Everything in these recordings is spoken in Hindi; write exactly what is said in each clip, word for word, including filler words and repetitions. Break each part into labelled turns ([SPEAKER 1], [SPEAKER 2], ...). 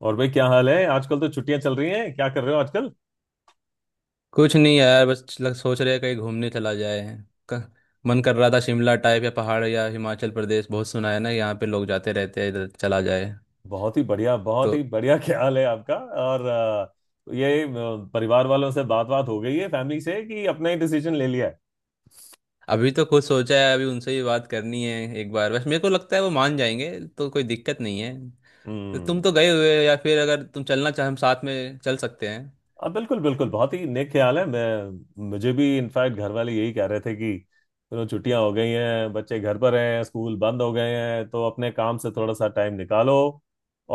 [SPEAKER 1] और भाई क्या हाल है आजकल। तो छुट्टियां चल रही हैं, क्या कर रहे हो आजकल।
[SPEAKER 2] कुछ नहीं यार, बस लग, सोच रहे हैं कहीं घूमने चला जाए। क- मन कर रहा था शिमला टाइप, या पहाड़, या हिमाचल प्रदेश बहुत सुना है ना, यहाँ पे लोग जाते रहते हैं, इधर चला जाए
[SPEAKER 1] बहुत ही बढ़िया बहुत
[SPEAKER 2] तो।
[SPEAKER 1] ही बढ़िया, क्या हाल है आपका। और अ, ये अ, परिवार वालों से बात बात हो गई है, फैमिली से, कि अपना ही डिसीजन ले लिया है।
[SPEAKER 2] अभी तो खुद सोचा है, अभी उनसे ही बात करनी है। एक बार बस मेरे को लगता है वो मान जाएंगे, तो कोई दिक्कत नहीं है। तो तुम
[SPEAKER 1] हम्म।
[SPEAKER 2] तो गए हुए हो, या फिर अगर तुम चलना चाहे हम साथ में चल सकते हैं।
[SPEAKER 1] अब बिल्कुल बिल्कुल बहुत ही नेक ख्याल है, मैं मुझे भी इनफैक्ट घर वाले यही कह रहे थे कि चलो छुट्टियां हो गई हैं, बच्चे घर पर हैं, स्कूल बंद हो गए हैं तो अपने काम से थोड़ा सा टाइम निकालो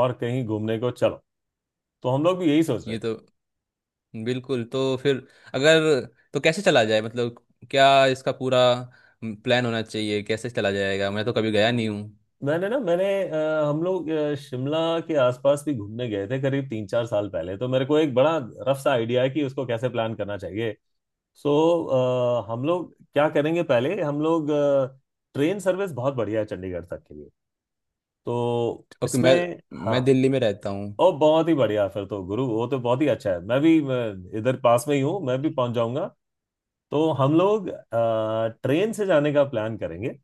[SPEAKER 1] और कहीं घूमने को चलो। तो हम लोग भी यही सोच रहे
[SPEAKER 2] ये
[SPEAKER 1] थे।
[SPEAKER 2] तो बिल्कुल। तो फिर अगर, तो कैसे चला जाए, मतलब क्या इसका पूरा प्लान होना चाहिए, कैसे चला जाएगा? मैं तो कभी गया नहीं हूँ।
[SPEAKER 1] मैंने ना मैंने अ, हम लोग अ, शिमला के आसपास भी घूमने गए थे करीब तीन चार साल पहले, तो मेरे को एक बड़ा रफ सा आइडिया है कि उसको कैसे प्लान करना चाहिए। सो अ, हम लोग क्या करेंगे, पहले हम लोग अ, ट्रेन सर्विस बहुत बढ़िया है चंडीगढ़ तक के लिए, तो
[SPEAKER 2] ओके। मैं
[SPEAKER 1] इसमें हाँ।
[SPEAKER 2] मैं दिल्ली में रहता हूँ।
[SPEAKER 1] और बहुत ही बढ़िया, फिर तो गुरु वो तो बहुत ही अच्छा है, मैं भी अ, इधर पास में ही हूँ, मैं भी पहुंच जाऊंगा। तो हम लोग अ, ट्रेन से जाने का प्लान करेंगे।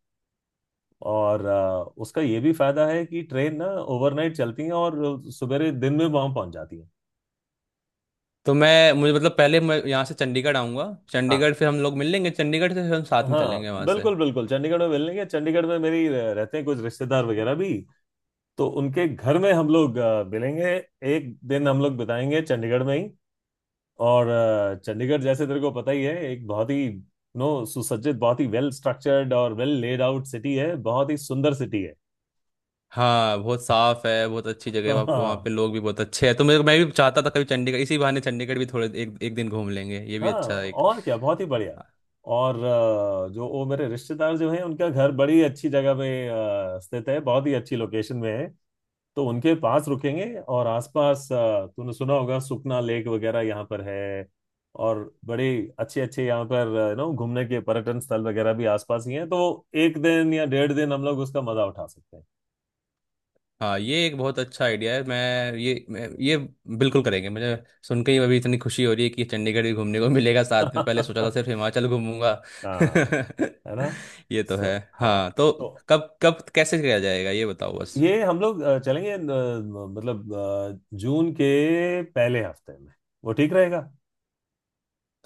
[SPEAKER 1] और अ, उसका ये भी फायदा है कि ट्रेन ना ओवरनाइट चलती है और सवेरे दिन में वहां पहुंच जाती है।
[SPEAKER 2] तो मैं मुझे, मतलब पहले मैं यहाँ से चंडीगढ़ आऊँगा,
[SPEAKER 1] हाँ।
[SPEAKER 2] चंडीगढ़ फिर हम लोग मिल लेंगे, चंडीगढ़ से फिर हम साथ में
[SPEAKER 1] हाँ
[SPEAKER 2] चलेंगे वहाँ से।
[SPEAKER 1] बिल्कुल बिल्कुल, चंडीगढ़ में मिलेंगे। चंडीगढ़ में मेरी रह- रहते हैं कुछ रिश्तेदार वगैरह भी। तो उनके घर में हम लोग अ, मिलेंगे। एक दिन हम लोग बिताएंगे चंडीगढ़ में ही। और अ, चंडीगढ़ जैसे तेरे को पता ही है, एक बहुत ही नो सुसज्जित, बहुत ही वेल स्ट्रक्चर्ड और वेल लेड आउट सिटी है, बहुत ही सुंदर सिटी है।
[SPEAKER 2] हाँ, बहुत साफ है, बहुत अच्छी जगह है
[SPEAKER 1] हाँ
[SPEAKER 2] वहाँ, वहाँ
[SPEAKER 1] हाँ।
[SPEAKER 2] पे लोग भी बहुत अच्छे हैं, तो मेरे मैं भी चाहता था कभी चंडीगढ़, इसी बहाने चंडीगढ़ भी थोड़े एक एक दिन घूम लेंगे, ये भी
[SPEAKER 1] हाँ
[SPEAKER 2] अच्छा है।
[SPEAKER 1] और क्या, बहुत ही बढ़िया। और अ, जो वो मेरे रिश्तेदार जो हैं उनका घर बड़ी अच्छी जगह पे अ, स्थित है, बहुत ही अच्छी लोकेशन में है। तो उनके पास रुकेंगे और आसपास अ, तूने सुना होगा, सुखना लेक वगैरह यहाँ पर है। और बड़े अच्छे अच्छे यहाँ पर नो घूमने के पर्यटन स्थल वगैरह भी आसपास ही हैं, तो एक दिन या डेढ़ दिन हम लोग उसका मजा उठा सकते हैं।
[SPEAKER 2] हाँ, ये एक बहुत अच्छा आइडिया है। मैं ये मैं, ये बिल्कुल करेंगे। मुझे सुन के ही अभी इतनी खुशी हो रही है कि चंडीगढ़ भी घूमने को मिलेगा साथ में, पहले सोचा था सिर्फ हिमाचल घूमूंगा।
[SPEAKER 1] हाँ, है ना।
[SPEAKER 2] ये तो
[SPEAKER 1] सो
[SPEAKER 2] है।
[SPEAKER 1] हाँ,
[SPEAKER 2] हाँ तो,
[SPEAKER 1] तो
[SPEAKER 2] कब कब कैसे किया जाएगा, ये बताओ बस।
[SPEAKER 1] ये हम लोग अ, चलेंगे अ, मतलब अ, जून के पहले हफ्ते में, वो ठीक रहेगा।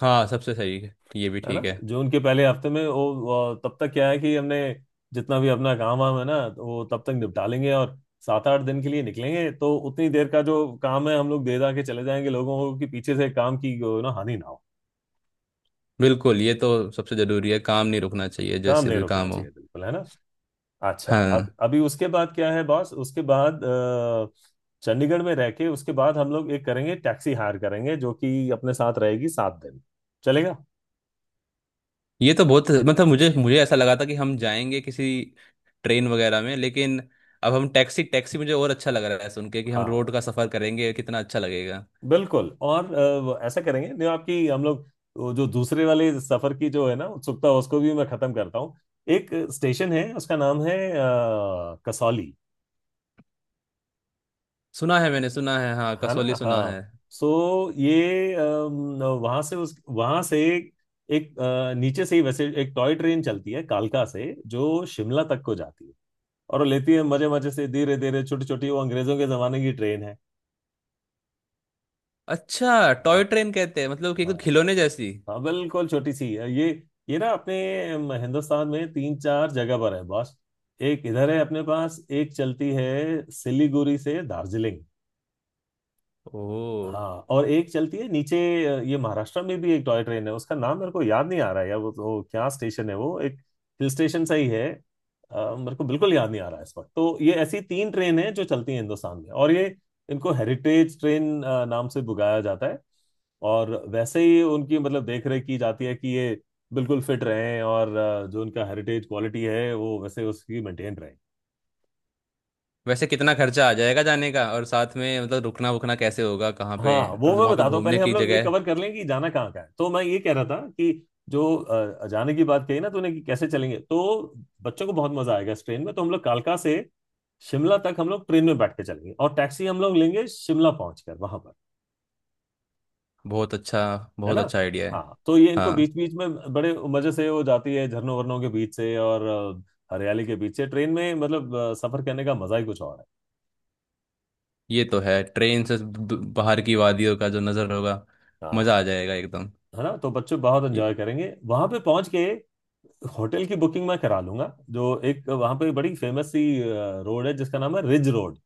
[SPEAKER 2] हाँ, सबसे सही है, ये भी
[SPEAKER 1] है ना।
[SPEAKER 2] ठीक है।
[SPEAKER 1] जून के पहले हफ्ते में वो वो तब तक क्या है कि हमने जितना भी अपना काम वाम है ना, तो वो तब तक निपटा लेंगे और सात आठ दिन के लिए निकलेंगे, तो उतनी देर का जो काम है हम लोग दे दा के चले जाएंगे लोगों को, कि पीछे से काम की ना हानि ना हो।
[SPEAKER 2] बिल्कुल, ये तो सबसे जरूरी है, काम नहीं रुकना चाहिए,
[SPEAKER 1] काम
[SPEAKER 2] जैसे
[SPEAKER 1] नहीं
[SPEAKER 2] भी
[SPEAKER 1] रुकना
[SPEAKER 2] काम हो।
[SPEAKER 1] चाहिए बिल्कुल, है ना? अच्छा अब
[SPEAKER 2] हाँ
[SPEAKER 1] अभी उसके बाद क्या है बॉस, उसके बाद अ, चंडीगढ़ में रह के उसके बाद हम लोग एक करेंगे टैक्सी हायर करेंगे, जो कि अपने साथ रहेगी सात दिन। चलेगा।
[SPEAKER 2] ये तो बहुत, मतलब मुझे मुझे ऐसा लगा था कि हम जाएंगे किसी ट्रेन वगैरह में, लेकिन अब हम टैक्सी, टैक्सी मुझे और अच्छा लग रहा है सुन के कि हम रोड
[SPEAKER 1] हाँ
[SPEAKER 2] का सफर करेंगे, कितना अच्छा लगेगा।
[SPEAKER 1] बिल्कुल, और अ, वो ऐसा करेंगे, जो आपकी हम लोग वो जो दूसरे वाले सफर की जो है ना उत्सुकता, उसको भी मैं खत्म करता हूँ। एक स्टेशन है, उसका नाम है अ, कसौली,
[SPEAKER 2] सुना है, मैंने सुना है, हाँ
[SPEAKER 1] है
[SPEAKER 2] कसौली
[SPEAKER 1] ना।
[SPEAKER 2] सुना
[SPEAKER 1] हाँ।
[SPEAKER 2] है।
[SPEAKER 1] सो ये वहां से उस वहां से एक अ, नीचे से ही वैसे एक टॉय ट्रेन चलती है कालका से, जो शिमला तक को जाती है। और वो लेती है मजे मजे से धीरे धीरे, छोटी छोटी वो अंग्रेजों के जमाने की ट्रेन है।
[SPEAKER 2] अच्छा,
[SPEAKER 1] हाँ।
[SPEAKER 2] टॉय ट्रेन कहते हैं, मतलब कि एक
[SPEAKER 1] हाँ।
[SPEAKER 2] खिलौने जैसी।
[SPEAKER 1] हाँ बिल्कुल, छोटी सी है ये। ये ना अपने अम, हिंदुस्तान में तीन चार जगह पर है बॉस। एक इधर है अपने पास, एक चलती है सिलीगुड़ी से दार्जिलिंग।
[SPEAKER 2] ओह।
[SPEAKER 1] हाँ, और एक चलती है नीचे अ, ये महाराष्ट्र में भी एक टॉय ट्रेन है, उसका नाम मेरे को याद नहीं आ रहा है यार, वो वो क्या स्टेशन है, वो एक हिल स्टेशन सा ही है। अ, मेरे को बिल्कुल याद नहीं आ रहा है इस वक्त। तो ये ऐसी तीन ट्रेन है जो चलती हैं हिंदुस्तान में, और ये इनको हेरिटेज ट्रेन अ, नाम से बुलाया जाता है। और वैसे ही उनकी मतलब देख रेख की जाती है कि ये बिल्कुल फिट रहें, और अ, जो उनका हेरिटेज क्वालिटी है वो वैसे उसकी मेंटेन रहे।
[SPEAKER 2] वैसे कितना खर्चा आ जाएगा जाने का, और साथ में मतलब रुकना वुकना कैसे होगा, कहाँ पे,
[SPEAKER 1] हाँ वो
[SPEAKER 2] और
[SPEAKER 1] मैं
[SPEAKER 2] वहाँ पे
[SPEAKER 1] बताता हूँ,
[SPEAKER 2] घूमने
[SPEAKER 1] पहले हम
[SPEAKER 2] की
[SPEAKER 1] लोग ये
[SPEAKER 2] जगह?
[SPEAKER 1] कवर कर लें कि जाना कहाँ का है, तो मैं ये कह रहा था कि जो अ, जाने की बात कही ना तूने कि कैसे चलेंगे, तो बच्चों को बहुत मजा आएगा इस ट्रेन में, तो हम लोग कालका से शिमला तक हम लोग ट्रेन में बैठ के चलेंगे, और टैक्सी हम लोग लेंगे शिमला पहुंच कर वहां पर।
[SPEAKER 2] बहुत अच्छा।
[SPEAKER 1] है
[SPEAKER 2] बहुत
[SPEAKER 1] ना।
[SPEAKER 2] अच्छा आइडिया है।
[SPEAKER 1] हाँ, तो ये इनको
[SPEAKER 2] हाँ
[SPEAKER 1] बीच बीच में बड़े मजे से वो जाती है झरनों वरनों के बीच से और अ, हरियाली के बीच से। ट्रेन में मतलब अ, सफर करने का मजा ही कुछ और है।
[SPEAKER 2] ये तो है, ट्रेन से ब- बाहर की वादियों का जो नज़र होगा,
[SPEAKER 1] हाँ।
[SPEAKER 2] मज़ा आ जाएगा एकदम।
[SPEAKER 1] है ना, तो बच्चे बहुत
[SPEAKER 2] ये
[SPEAKER 1] एंजॉय करेंगे वहां पे पहुंच के। होटल की बुकिंग मैं करा लूंगा, जो एक वहां पे बड़ी फेमस सी रोड है जिसका नाम है रिज रोड।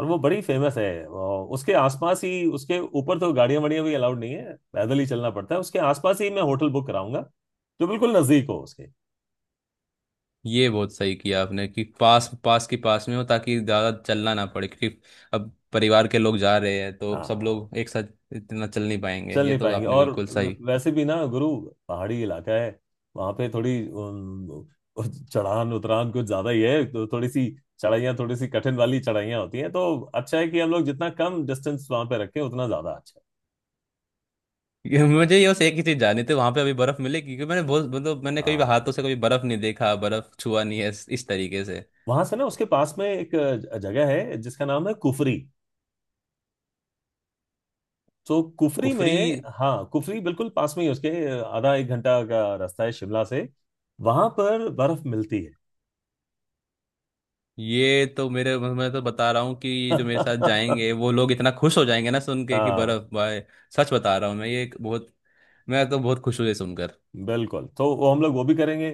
[SPEAKER 1] और वो बड़ी फेमस है, अ, उसके आसपास ही, उसके ऊपर तो गाड़ियां वाड़ियां भी अलाउड नहीं है, पैदल ही चलना पड़ता है, उसके आसपास ही मैं होटल बुक कराऊंगा जो बिल्कुल नजदीक हो उसके।
[SPEAKER 2] ये बहुत सही किया आपने कि पास पास के पास में हो ताकि ज़्यादा चलना ना पड़े, क्योंकि अब परिवार के लोग जा रहे हैं तो
[SPEAKER 1] हाँ
[SPEAKER 2] सब
[SPEAKER 1] हाँ,
[SPEAKER 2] लोग एक साथ इतना चल नहीं पाएंगे,
[SPEAKER 1] चल
[SPEAKER 2] ये
[SPEAKER 1] नहीं
[SPEAKER 2] तो
[SPEAKER 1] पाएंगे।
[SPEAKER 2] आपने
[SPEAKER 1] और
[SPEAKER 2] बिल्कुल सही।
[SPEAKER 1] वैसे भी ना गुरु पहाड़ी इलाका है, वहां पे थोड़ी उम, चढ़ान उतरान कुछ ज्यादा ही है, तो थोड़ी सी चढ़ाइयाँ, थोड़ी सी कठिन वाली चढ़ाइयाँ होती हैं, तो अच्छा है कि हम लोग जितना कम डिस्टेंस वहां पे रखें उतना ज्यादा अच्छा है।
[SPEAKER 2] ये मुझे ये बस एक ही चीज़ जाननी थी, वहाँ पे अभी बर्फ़ मिलेगी? क्योंकि मैंने बहुत, मतलब मैंने कभी
[SPEAKER 1] आ,
[SPEAKER 2] हाथों से कभी बर्फ़ नहीं देखा, बर्फ़ छुआ नहीं है इस, इस तरीके से।
[SPEAKER 1] वहां से ना उसके पास में एक अ, जगह है जिसका नाम है कुफरी। तो कुफरी
[SPEAKER 2] कुफरी।
[SPEAKER 1] में, हाँ कुफरी बिल्कुल पास में ही है उसके, अ, आधा एक घंटा का रास्ता है शिमला से। वहां पर बर्फ मिलती है।
[SPEAKER 2] ये तो मेरे मैं तो बता रहा हूँ कि जो मेरे साथ जाएंगे वो लोग इतना खुश हो जाएंगे ना सुन के कि
[SPEAKER 1] हाँ
[SPEAKER 2] बर्फ, भाई। सच बता रहा हूँ मैं, ये एक बहुत, मैं तो बहुत खुश हूँ ये सुनकर।
[SPEAKER 1] बिल्कुल, तो वो हम लोग वो भी करेंगे।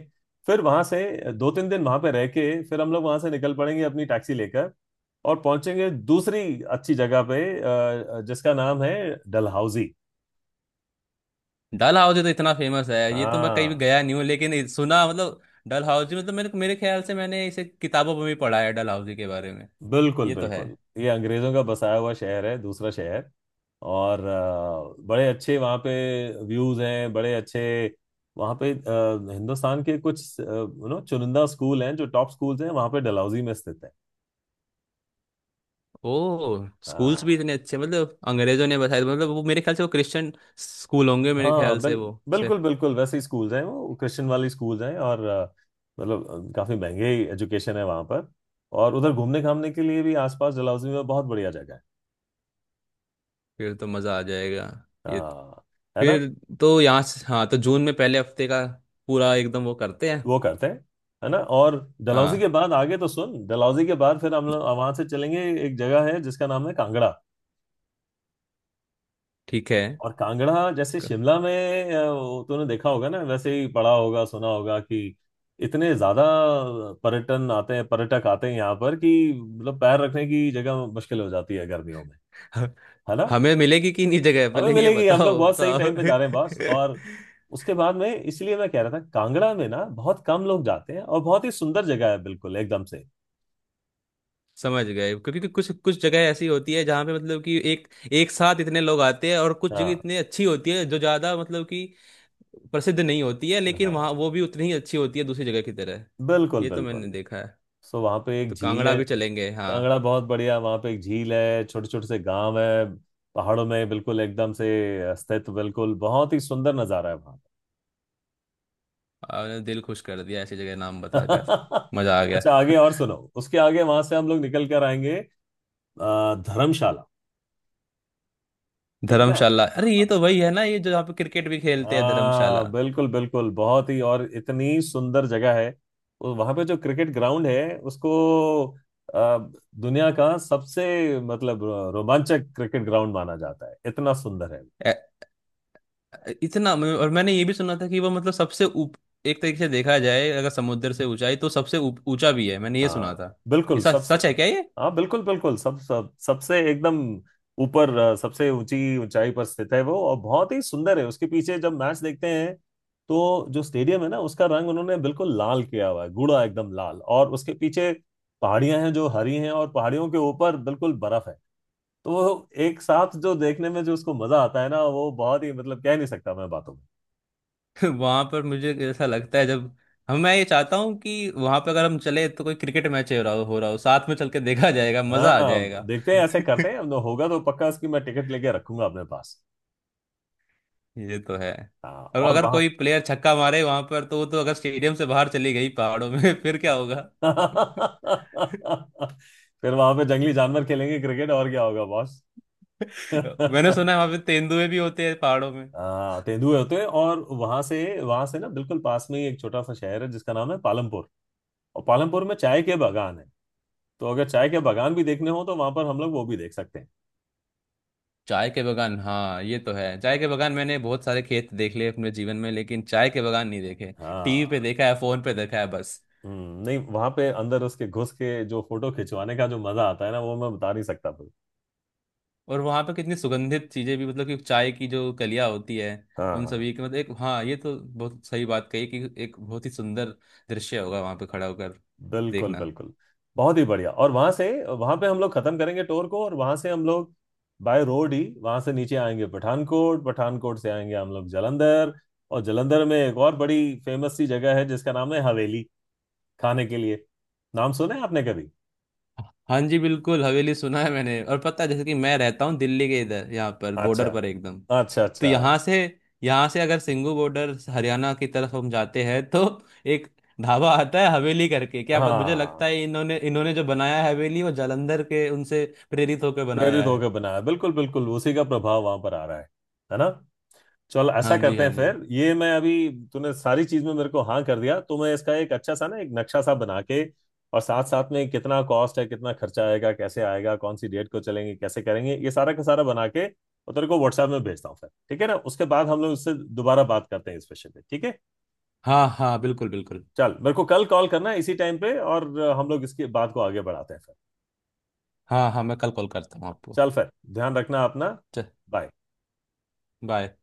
[SPEAKER 1] फिर वहां से दो तीन दिन वहां पे रह के फिर हम लोग वहां से निकल पड़ेंगे अपनी टैक्सी लेकर, और पहुंचेंगे दूसरी अच्छी जगह पे अ, जिसका नाम है डलहौजी।
[SPEAKER 2] डल हाउस तो इतना फेमस है, ये तो मैं कहीं भी
[SPEAKER 1] हाँ
[SPEAKER 2] गया नहीं हूँ लेकिन ये सुना, मतलब डल हाउस जी, मतलब मेरे मेरे ख्याल से मैंने इसे किताबों में भी पढ़ा है डल हाउस जी के बारे में।
[SPEAKER 1] बिल्कुल
[SPEAKER 2] ये तो है।
[SPEAKER 1] बिल्कुल, ये अंग्रेजों का बसाया हुआ शहर है, दूसरा शहर। और अ, बड़े अच्छे वहाँ पे व्यूज हैं, बड़े अच्छे। वहाँ पे अ, हिंदुस्तान के कुछ यू नो चुनिंदा स्कूल हैं जो टॉप स्कूल्स हैं वहाँ पे डलहौजी में स्थित है।
[SPEAKER 2] ओ, स्कूल्स भी
[SPEAKER 1] हाँ।
[SPEAKER 2] इतने अच्छे, मतलब अंग्रेजों ने बताया, मतलब वो मेरे ख्याल से वो क्रिश्चियन स्कूल होंगे, मेरे ख्याल
[SPEAKER 1] हाँ बिल,
[SPEAKER 2] से वो से।
[SPEAKER 1] बिल्कुल बिल्कुल, वैसे ही स्कूल्स हैं, वो क्रिश्चियन वाली स्कूल्स हैं, और अ, मतलब अ, काफी महंगे एजुकेशन है वहाँ पर। और उधर घूमने घामने के लिए भी आसपास डलहौजी में बहुत बढ़िया जगह है।
[SPEAKER 2] फिर तो मजा आ जाएगा। ये,
[SPEAKER 1] हाँ, है ना।
[SPEAKER 2] फिर तो यहाँ से, हाँ तो जून में पहले हफ्ते का पूरा एकदम वो करते हैं।
[SPEAKER 1] वो करते हैं, है ना। और डलहौजी के
[SPEAKER 2] हाँ
[SPEAKER 1] बाद आगे तो सुन, डलहौजी के बाद फिर हम लोग वहां से चलेंगे, एक जगह है जिसका नाम है कांगड़ा।
[SPEAKER 2] ठीक है।
[SPEAKER 1] और कांगड़ा जैसे
[SPEAKER 2] क-
[SPEAKER 1] शिमला में अ, वो तूने देखा होगा ना, वैसे ही पढ़ा होगा सुना होगा कि इतने ज्यादा पर्यटन आते हैं, पर्यटक आते हैं यहाँ पर, कि मतलब पैर रखने की जगह मुश्किल हो जाती है गर्मियों में। है ना।
[SPEAKER 2] हमें मिलेगी कि नहीं जगह,
[SPEAKER 1] हमें
[SPEAKER 2] पहले ये
[SPEAKER 1] मिलेगी, हम लोग
[SPEAKER 2] बताओ
[SPEAKER 1] बहुत सही
[SPEAKER 2] बताओ।
[SPEAKER 1] टाइम पे जा रहे हैं बस, और उसके बाद में, इसलिए मैं कह रहा था कांगड़ा में ना बहुत कम लोग जाते हैं और बहुत ही सुंदर जगह है बिल्कुल एकदम से।
[SPEAKER 2] समझ गए, क्योंकि कि कुछ कुछ जगह ऐसी होती है जहाँ पे मतलब कि एक एक साथ इतने लोग आते हैं, और कुछ जगह
[SPEAKER 1] हाँ
[SPEAKER 2] इतनी अच्छी होती है जो ज़्यादा, मतलब कि प्रसिद्ध नहीं होती है, लेकिन वहाँ
[SPEAKER 1] हाँ
[SPEAKER 2] वो भी उतनी ही अच्छी होती है दूसरी जगह की तरह।
[SPEAKER 1] बिल्कुल
[SPEAKER 2] ये तो
[SPEAKER 1] बिल्कुल।
[SPEAKER 2] मैंने देखा है।
[SPEAKER 1] सो वहाँ पे एक
[SPEAKER 2] तो
[SPEAKER 1] झील
[SPEAKER 2] कांगड़ा
[SPEAKER 1] है।
[SPEAKER 2] भी चलेंगे, हाँ।
[SPEAKER 1] कांगड़ा बहुत बढ़िया, वहाँ पे एक झील है, छोटे छोटे से गांव है पहाड़ों में बिल्कुल एकदम से स्थित, बिल्कुल बहुत ही सुंदर नज़ारा है वहाँ
[SPEAKER 2] आपने दिल खुश कर दिया ऐसी जगह नाम बताकर।
[SPEAKER 1] का।
[SPEAKER 2] मज़ा आ गया।
[SPEAKER 1] अच्छा, आगे और सुनो, उसके आगे वहां से हम लोग निकल कर आएंगे अ, धर्मशाला, ठीक है
[SPEAKER 2] धर्मशाला, अरे
[SPEAKER 1] ना।
[SPEAKER 2] ये तो वही है ना, ये जो यहाँ पे क्रिकेट भी खेलते हैं, धर्मशाला।
[SPEAKER 1] हाँ बिल्कुल बिल्कुल, बहुत ही और इतनी सुंदर जगह है। वहां पे जो क्रिकेट ग्राउंड है उसको अ, दुनिया का सबसे मतलब रोमांचक क्रिकेट ग्राउंड माना जाता है, इतना सुंदर है।
[SPEAKER 2] ए- इतना मैं- और मैंने ये भी सुना था कि वो, मतलब सबसे ऊप एक तरीके से देखा जाए अगर समुद्र से ऊंचाई, तो सबसे ऊप- ऊंचा भी है, मैंने ये सुना
[SPEAKER 1] हाँ
[SPEAKER 2] था। ये
[SPEAKER 1] बिल्कुल
[SPEAKER 2] सच
[SPEAKER 1] सबसे,
[SPEAKER 2] सच है क्या ये?
[SPEAKER 1] हाँ बिल्कुल बिल्कुल, सब सब सबसे एकदम ऊपर, अ, सबसे ऊंची ऊंचाई पर स्थित है वो, और बहुत ही सुंदर है। उसके पीछे जब मैच देखते हैं तो जो स्टेडियम है ना उसका रंग उन्होंने बिल्कुल लाल किया हुआ है, गूढ़ा एकदम लाल, और उसके पीछे पहाड़ियां हैं जो हरी हैं, और पहाड़ियों के ऊपर बिल्कुल बर्फ है। तो वो एक साथ जो देखने में जो उसको मजा आता है ना, वो बहुत ही मतलब कह नहीं सकता मैं बातों में।
[SPEAKER 2] वहां पर मुझे ऐसा लगता है जब हम मैं, ये चाहता हूँ कि वहां पर अगर हम चले तो कोई क्रिकेट मैच हो रहा हो, हो रहा हो साथ में चल के देखा जाएगा,
[SPEAKER 1] हाँ
[SPEAKER 2] मजा आ जाएगा।
[SPEAKER 1] देखते हैं, ऐसे करते हैं, होगा तो पक्का इसकी मैं टिकट लेके रखूंगा अपने पास।
[SPEAKER 2] ये तो है।
[SPEAKER 1] हाँ।
[SPEAKER 2] और
[SPEAKER 1] और
[SPEAKER 2] अगर
[SPEAKER 1] वहां
[SPEAKER 2] कोई प्लेयर छक्का मारे वहां पर, तो वो तो अगर स्टेडियम से बाहर चली गई पहाड़ों में फिर क्या होगा?
[SPEAKER 1] फिर वहां पे जंगली जानवर खेलेंगे क्रिकेट, और क्या होगा बॉस।
[SPEAKER 2] मैंने सुना है वहां पे तेंदुए भी होते हैं पहाड़ों में।
[SPEAKER 1] हाँ, तेंदुए होते हैं। और वहां से वहां से ना बिल्कुल पास में ही एक छोटा सा शहर है जिसका नाम है पालमपुर। और पालमपुर में चाय के बागान है। तो अगर चाय के बागान भी देखने हो तो वहां पर हम लोग वो भी देख सकते हैं।
[SPEAKER 2] चाय के बगान, हाँ ये तो है, चाय के बगान मैंने बहुत सारे खेत देख लिए अपने जीवन में लेकिन चाय के बगान नहीं देखे, टीवी पे
[SPEAKER 1] हाँ
[SPEAKER 2] देखा है, फोन पे देखा है बस।
[SPEAKER 1] हम्म, नहीं वहां पे अंदर उसके घुस के जो फोटो खिंचवाने का जो मजा आता है ना, वो मैं बता नहीं सकता फिर।
[SPEAKER 2] और वहां पे कितनी सुगंधित चीजें भी, मतलब कि चाय की जो कलियां होती है
[SPEAKER 1] हाँ
[SPEAKER 2] उन
[SPEAKER 1] हाँ।
[SPEAKER 2] सभी की, मतलब एक, हाँ ये तो बहुत सही बात कही कि एक बहुत ही सुंदर दृश्य होगा वहां पे खड़ा होकर
[SPEAKER 1] बिल्कुल
[SPEAKER 2] देखना।
[SPEAKER 1] बिल्कुल, बहुत ही बढ़िया। और वहां से, वहां पे हम लोग खत्म करेंगे टूर को, और वहां से हम लोग बाय रोड ही वहां से नीचे आएंगे पठानकोट, पठानकोट से आएंगे हम लोग जालंधर। और जालंधर में एक और बड़ी फेमस सी जगह है, जिसका नाम है हवेली, खाने के लिए। नाम सुने आपने कभी?
[SPEAKER 2] हाँ जी बिल्कुल, हवेली सुना है मैंने, और पता है जैसे कि मैं रहता हूँ दिल्ली के इधर, यहाँ पर
[SPEAKER 1] अच्छा
[SPEAKER 2] बॉर्डर पर एकदम,
[SPEAKER 1] अच्छा
[SPEAKER 2] तो
[SPEAKER 1] अच्छा।
[SPEAKER 2] यहाँ से यहाँ से अगर सिंगू बॉर्डर हरियाणा की तरफ हम जाते हैं तो एक ढाबा आता है हवेली करके, क्या पता- मुझे
[SPEAKER 1] हाँ
[SPEAKER 2] लगता है इन्होंने इन्होंने जो बनाया है हवेली वो जालंधर के उनसे प्रेरित होकर
[SPEAKER 1] प्रेरित
[SPEAKER 2] बनाया है।
[SPEAKER 1] होकर बनाया, बिल्कुल बिल्कुल, उसी का प्रभाव वहां पर आ रहा है है ना। चल
[SPEAKER 2] हाँ
[SPEAKER 1] ऐसा
[SPEAKER 2] जी,
[SPEAKER 1] करते
[SPEAKER 2] हाँ
[SPEAKER 1] हैं
[SPEAKER 2] जी।
[SPEAKER 1] फिर, ये मैं अभी तूने सारी चीज में मेरे को हाँ कर दिया, तो मैं इसका एक अच्छा सा ना एक नक्शा सा बना के और साथ साथ में कितना कॉस्ट है, कितना खर्चा आएगा, कैसे आएगा, कौन सी डेट को चलेंगे, कैसे करेंगे, ये सारा का सारा बना के और तेरे को व्हाट्सएप में भेजता हूँ फिर, ठीक है ना। उसके बाद हम लोग उससे दोबारा बात करते हैं इस विषय पे, ठीक है।
[SPEAKER 2] हाँ हाँ बिल्कुल बिल्कुल।
[SPEAKER 1] चल मेरे को कल कॉल करना है इसी टाइम पे, और हम लोग इसकी बात को आगे बढ़ाते हैं फिर।
[SPEAKER 2] हाँ हाँ, मैं कल कॉल करता हूँ आपको।
[SPEAKER 1] चल फिर, ध्यान रखना अपना।
[SPEAKER 2] चल,
[SPEAKER 1] बाय।
[SPEAKER 2] बाय।